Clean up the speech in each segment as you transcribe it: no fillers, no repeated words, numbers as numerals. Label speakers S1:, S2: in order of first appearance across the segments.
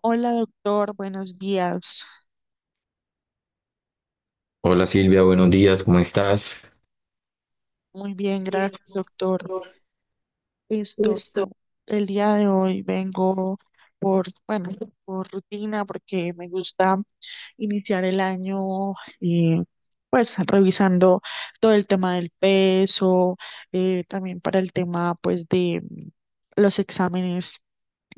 S1: Hola doctor, buenos días.
S2: Hola Silvia, buenos días, ¿cómo estás?
S1: Muy bien, gracias doctor. Listo. El día de hoy vengo bueno, por rutina porque me gusta iniciar el año eh, pues revisando todo el tema del peso. También para el tema pues de los exámenes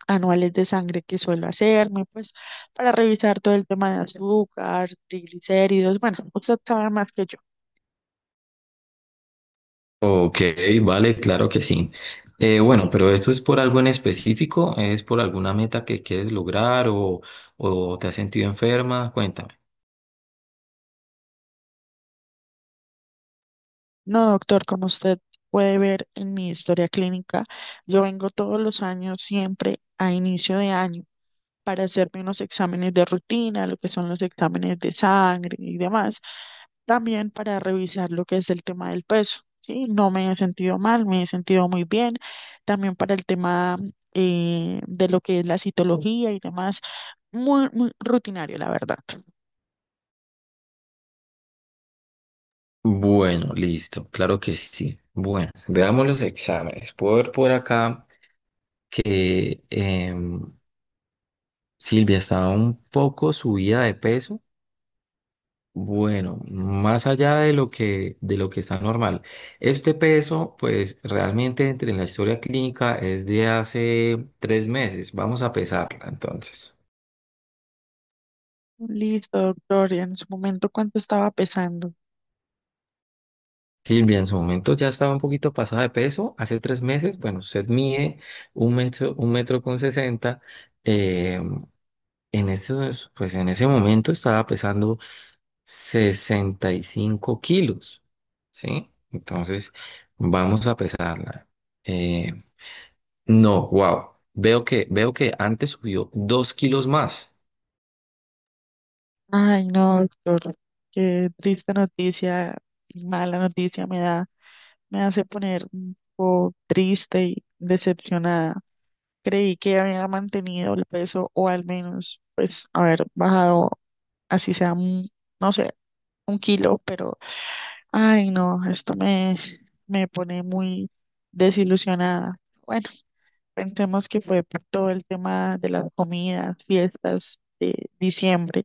S1: anuales de sangre que suelo hacerme, pues para revisar todo el tema de azúcar, triglicéridos, bueno, usted sabe más que yo.
S2: Ok, vale, claro que sí. Bueno, pero esto es por algo en específico, es por alguna meta que quieres lograr o te has sentido enferma, cuéntame.
S1: No, doctor, como usted puede ver en mi historia clínica, yo vengo todos los años siempre a inicio de año para hacerme unos exámenes de rutina, lo que son los exámenes de sangre y demás, también para revisar lo que es el tema del peso. Sí, no me he sentido mal, me he sentido muy bien, también para el tema de lo que es la citología y demás, muy, muy rutinario, la verdad.
S2: Bueno, listo, claro que sí. Bueno, veamos los exámenes. Puedo ver por acá que Silvia estaba un poco subida de peso. Bueno, más allá de lo que está normal, este peso, pues realmente entre en la historia clínica es de hace 3 meses. Vamos a pesarla entonces.
S1: Listo, doctor, y en su momento, ¿cuánto estaba pesando?
S2: Silvia, en su momento ya estaba un poquito pasada de peso. Hace 3 meses, bueno, usted mide un metro con 60. Eh, en ese, pues en ese momento estaba pesando 65 kilos, ¿sí? Entonces, vamos a pesarla. eh, No, wow. Veo que antes subió 2 kilos más.
S1: Ay, no, doctor, qué triste noticia y mala noticia me da. Me hace poner un poco triste y decepcionada. Creí que había mantenido el peso o al menos, pues, haber bajado, así sea, no sé, 1 kilo, pero, ay, no, esto me pone muy desilusionada. Bueno, pensemos que fue por todo el tema de las comidas, fiestas de diciembre.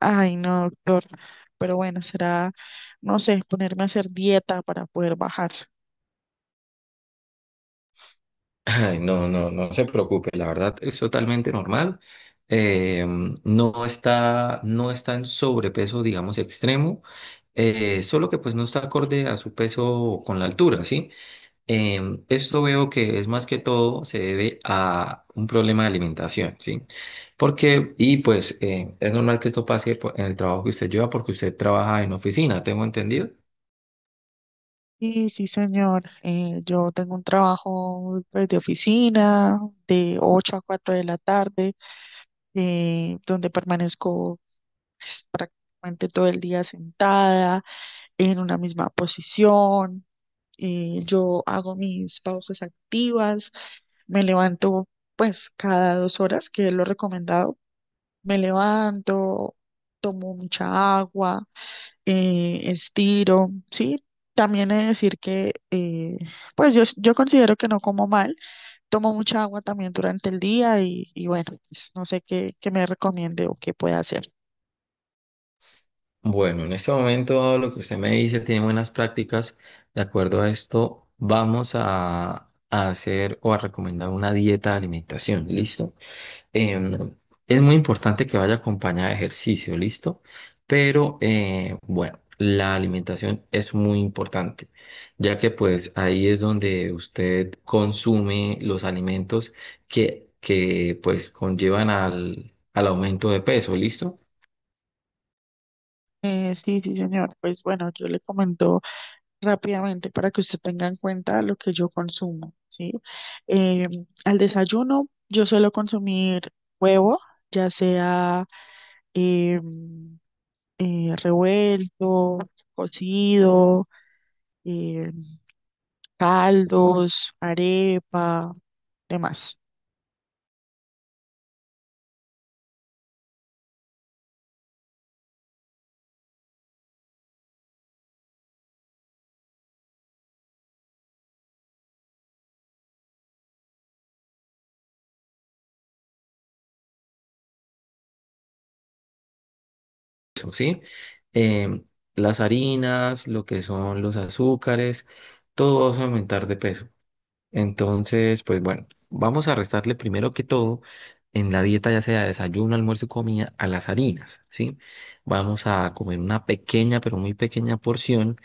S1: Ay, no, doctor, pero bueno, será no sé, ponerme a hacer dieta para poder bajar.
S2: Ay, no, no, no se preocupe. La verdad es totalmente normal. Eh, no está en sobrepeso, digamos, extremo. Solo que pues no está acorde a su peso con la altura, ¿sí? Esto veo que es más que todo se debe a un problema de alimentación, ¿sí? Y pues es normal que esto pase pues, en el trabajo que usted lleva porque usted trabaja en oficina, tengo entendido.
S1: Sí, sí, señor. Yo tengo un trabajo pues, de oficina de 8 a 4 de la tarde, donde permanezco pues, prácticamente todo el día sentada en una misma posición. Yo hago mis pausas activas, me levanto pues cada 2 horas, que es lo recomendado. Me levanto, tomo mucha agua estiro, ¿sí? También he de decir que, pues yo considero que no como mal, tomo mucha agua también durante el día y bueno, pues, no sé qué me recomiende o qué pueda hacer.
S2: Bueno, en este momento lo que usted me dice tiene buenas prácticas. De acuerdo a esto, vamos a hacer o a recomendar una dieta de alimentación, ¿listo? Em, es muy importante que vaya acompañada de ejercicio, ¿listo? Pero bueno, la alimentación es muy importante, ya que pues ahí es donde usted consume los alimentos que pues conllevan al aumento de peso, ¿listo?
S1: Sí, sí, señor. Pues bueno, yo le comento rápidamente para que usted tenga en cuenta lo que yo consumo, ¿sí? Eh, al desayuno yo suelo consumir huevo, ya sea em, revuelto, cocido, em, caldos, arepa, demás.
S2: Eso, ¿sí? Eh, las harinas, lo que son los azúcares, todo va a aumentar de peso. Entonces, pues bueno, vamos a restarle primero que todo en la dieta, ya sea desayuno, almuerzo y comida, a las harinas, ¿sí? Vamos a comer una pequeña, pero muy pequeña porción.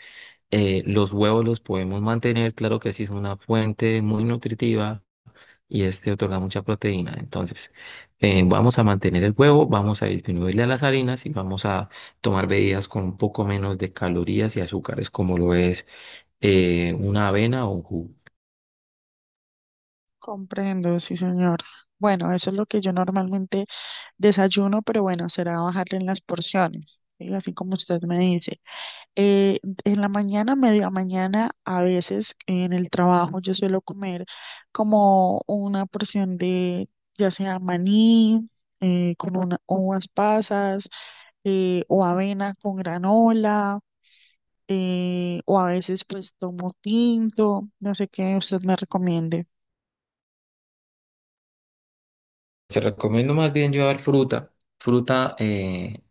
S2: Los huevos los podemos mantener, claro que sí, es una fuente muy nutritiva y este otorga mucha proteína. Entonces, vamos a mantener el huevo, vamos a disminuirle a las harinas y vamos a tomar bebidas con un poco menos de calorías y azúcares, como lo es una avena o un jugo.
S1: Comprendo, sí, señor. Bueno, eso es lo que yo normalmente desayuno, pero bueno, será bajarle en las porciones, ¿sí? Así como usted me dice. Eh, en la mañana, media mañana, a veces en el trabajo yo suelo comer como una porción de ya sea maní, con uvas pasas, o avena con granola, o a veces pues tomo tinto, no sé qué usted me recomiende.
S2: Se recomiendo más bien llevar fruta eh,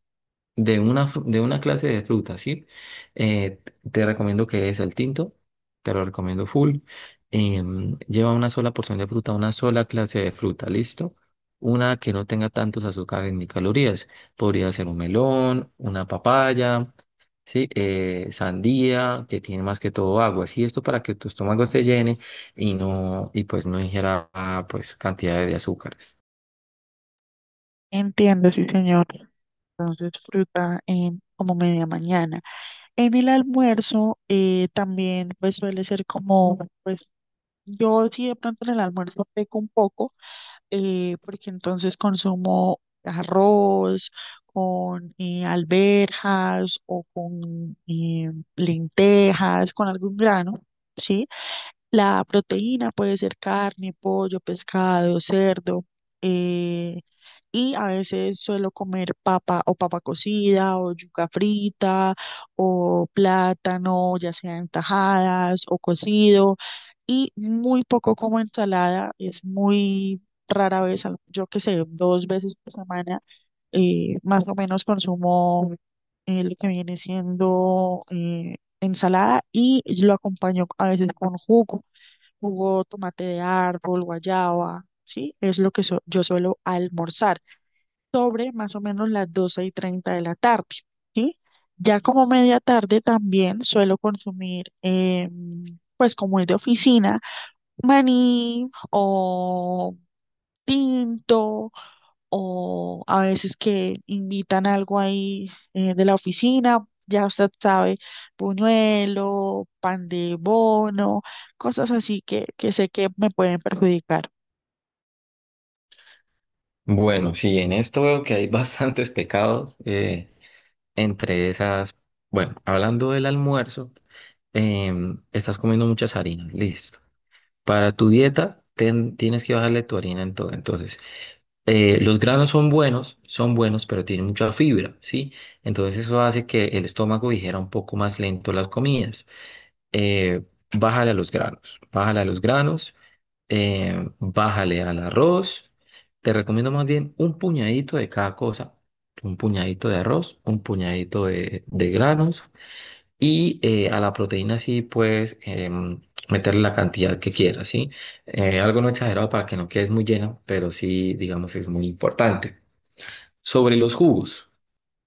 S2: de una, fru- de una clase de fruta, ¿sí? Eh, te recomiendo que es el tinto, te lo recomiendo full. Lleva una sola porción de fruta, una sola clase de fruta, ¿listo? Una que no tenga tantos azúcares ni calorías. Podría ser un melón, una papaya, ¿sí? Sandía, que tiene más que todo agua, ¿sí? Esto para que tu estómago se llene y no, y pues no ingiera, ah, pues, cantidad de azúcares.
S1: Entiendo, sí, señor. Entonces, fruta en como media mañana. En el almuerzo también pues suele ser como, pues yo sí de pronto en el almuerzo peco un poco, porque entonces consumo arroz con alberjas o con lentejas, con algún grano, ¿sí? La proteína puede ser carne, pollo, pescado, cerdo. eh, y a veces suelo comer papa o papa cocida o yuca frita o plátano, ya sea en tajadas o cocido. Y muy poco como ensalada, es muy rara vez, yo que sé, 2 veces por semana, más o menos consumo lo que viene siendo ensalada y lo acompaño a veces con jugo, jugo tomate de árbol, guayaba, ¿sí? Es lo que yo suelo almorzar sobre más o menos las 12:30 de la tarde, ¿sí? Ya como media tarde también suelo consumir, pues como es de oficina, maní o tinto o a veces que invitan algo ahí de la oficina, ya usted sabe, buñuelo, pan de bono, cosas así que sé que me pueden perjudicar.
S2: Bueno, sí, en esto veo que hay bastantes pecados. Entre esas, bueno, hablando del almuerzo, estás comiendo muchas harinas, listo. Para tu dieta tienes que bajarle tu harina en todo. Entonces, los granos son buenos, pero tienen mucha fibra, ¿sí? Entonces eso hace que el estómago dijera un poco más lento las comidas. Eh, bájale a los granos, bájale a los granos, bájale al arroz. Te recomiendo más bien un puñadito de cada cosa un puñadito de arroz, un puñadito de granos, y a la proteína sí puedes meterle la cantidad que quieras, ¿sí? Algo no exagerado para que no quedes muy llena, pero sí, digamos, es muy importante. Sobre los jugos.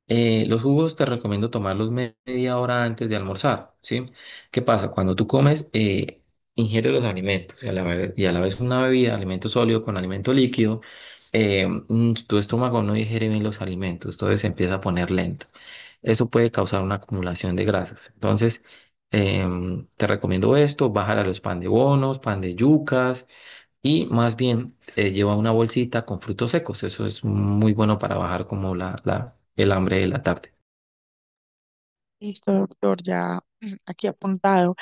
S2: Los jugos te recomiendo tomarlos media hora antes de almorzar, ¿sí? ¿Qué pasa? Cuando tú comes, ingieres los alimentos y a la vez una bebida, alimento sólido con alimento líquido, tu estómago no digiere bien los alimentos, entonces se empieza a poner lento. Eso puede causar una acumulación de grasas. Entonces, te recomiendo esto, bajar a los pan de bonos, pan de yucas y más bien lleva una bolsita con frutos secos. Eso es muy bueno para bajar como el hambre de la tarde.
S1: Listo, doctor, ya aquí apuntado.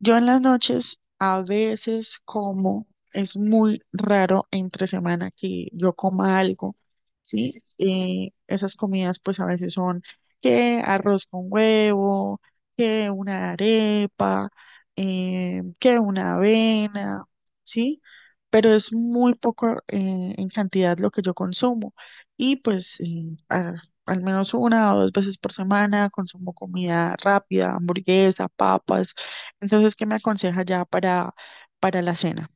S1: Yo en las noches a veces como, es muy raro entre semana que yo coma algo, ¿sí? Esas comidas pues a veces son que arroz con huevo, que una arepa, que una avena, ¿sí? Pero es muy poco en cantidad lo que yo consumo y pues al menos 1 o 2 veces por semana consumo comida rápida, hamburguesa, papas entonces, ¿qué me aconseja ya para la cena?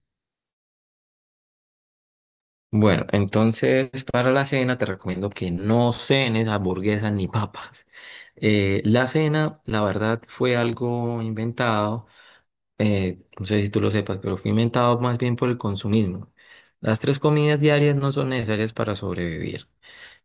S2: Bueno, entonces para la cena te recomiendo que no cenes hamburguesas ni papas. La cena, la verdad, fue algo inventado no sé si tú lo sepas, pero fue inventado más bien por el consumismo. Las tres comidas diarias no son necesarias para sobrevivir.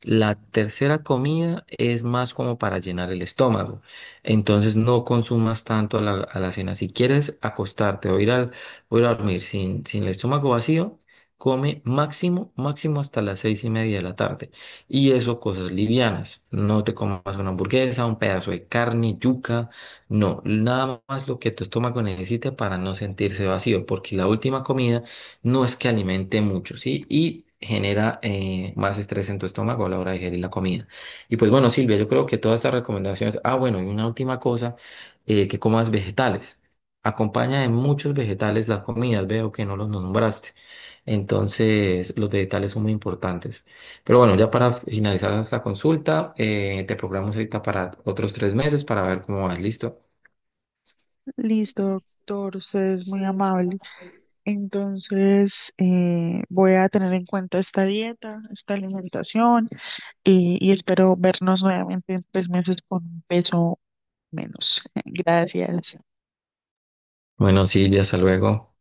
S2: La tercera comida es más como para llenar el estómago. Entonces no consumas tanto a la cena. Si quieres acostarte o ir a dormir sin el estómago vacío, come máximo, máximo hasta las 6:30 de la tarde. Y eso cosas livianas. No te comas una hamburguesa, un pedazo de carne, yuca. No, nada más lo que tu estómago necesite para no sentirse vacío. Porque la última comida no es que alimente mucho, ¿sí? Y genera más estrés en tu estómago a la hora de digerir la comida. Y pues bueno, Silvia, yo creo que todas estas recomendaciones, ah, bueno, y una última cosa, que comas vegetales. Acompaña de muchos vegetales las comidas, veo que no los nombraste. Entonces, los vegetales son muy importantes. Pero bueno, ya para finalizar esta consulta, te programamos ahorita para otros 3 meses para ver cómo vas, ¿listo?
S1: Listo, doctor, usted es muy amable. Entonces, voy a tener en cuenta esta dieta, esta alimentación y espero vernos nuevamente en 3 meses con un peso menos. Gracias.
S2: Bueno, Silvia, hasta luego.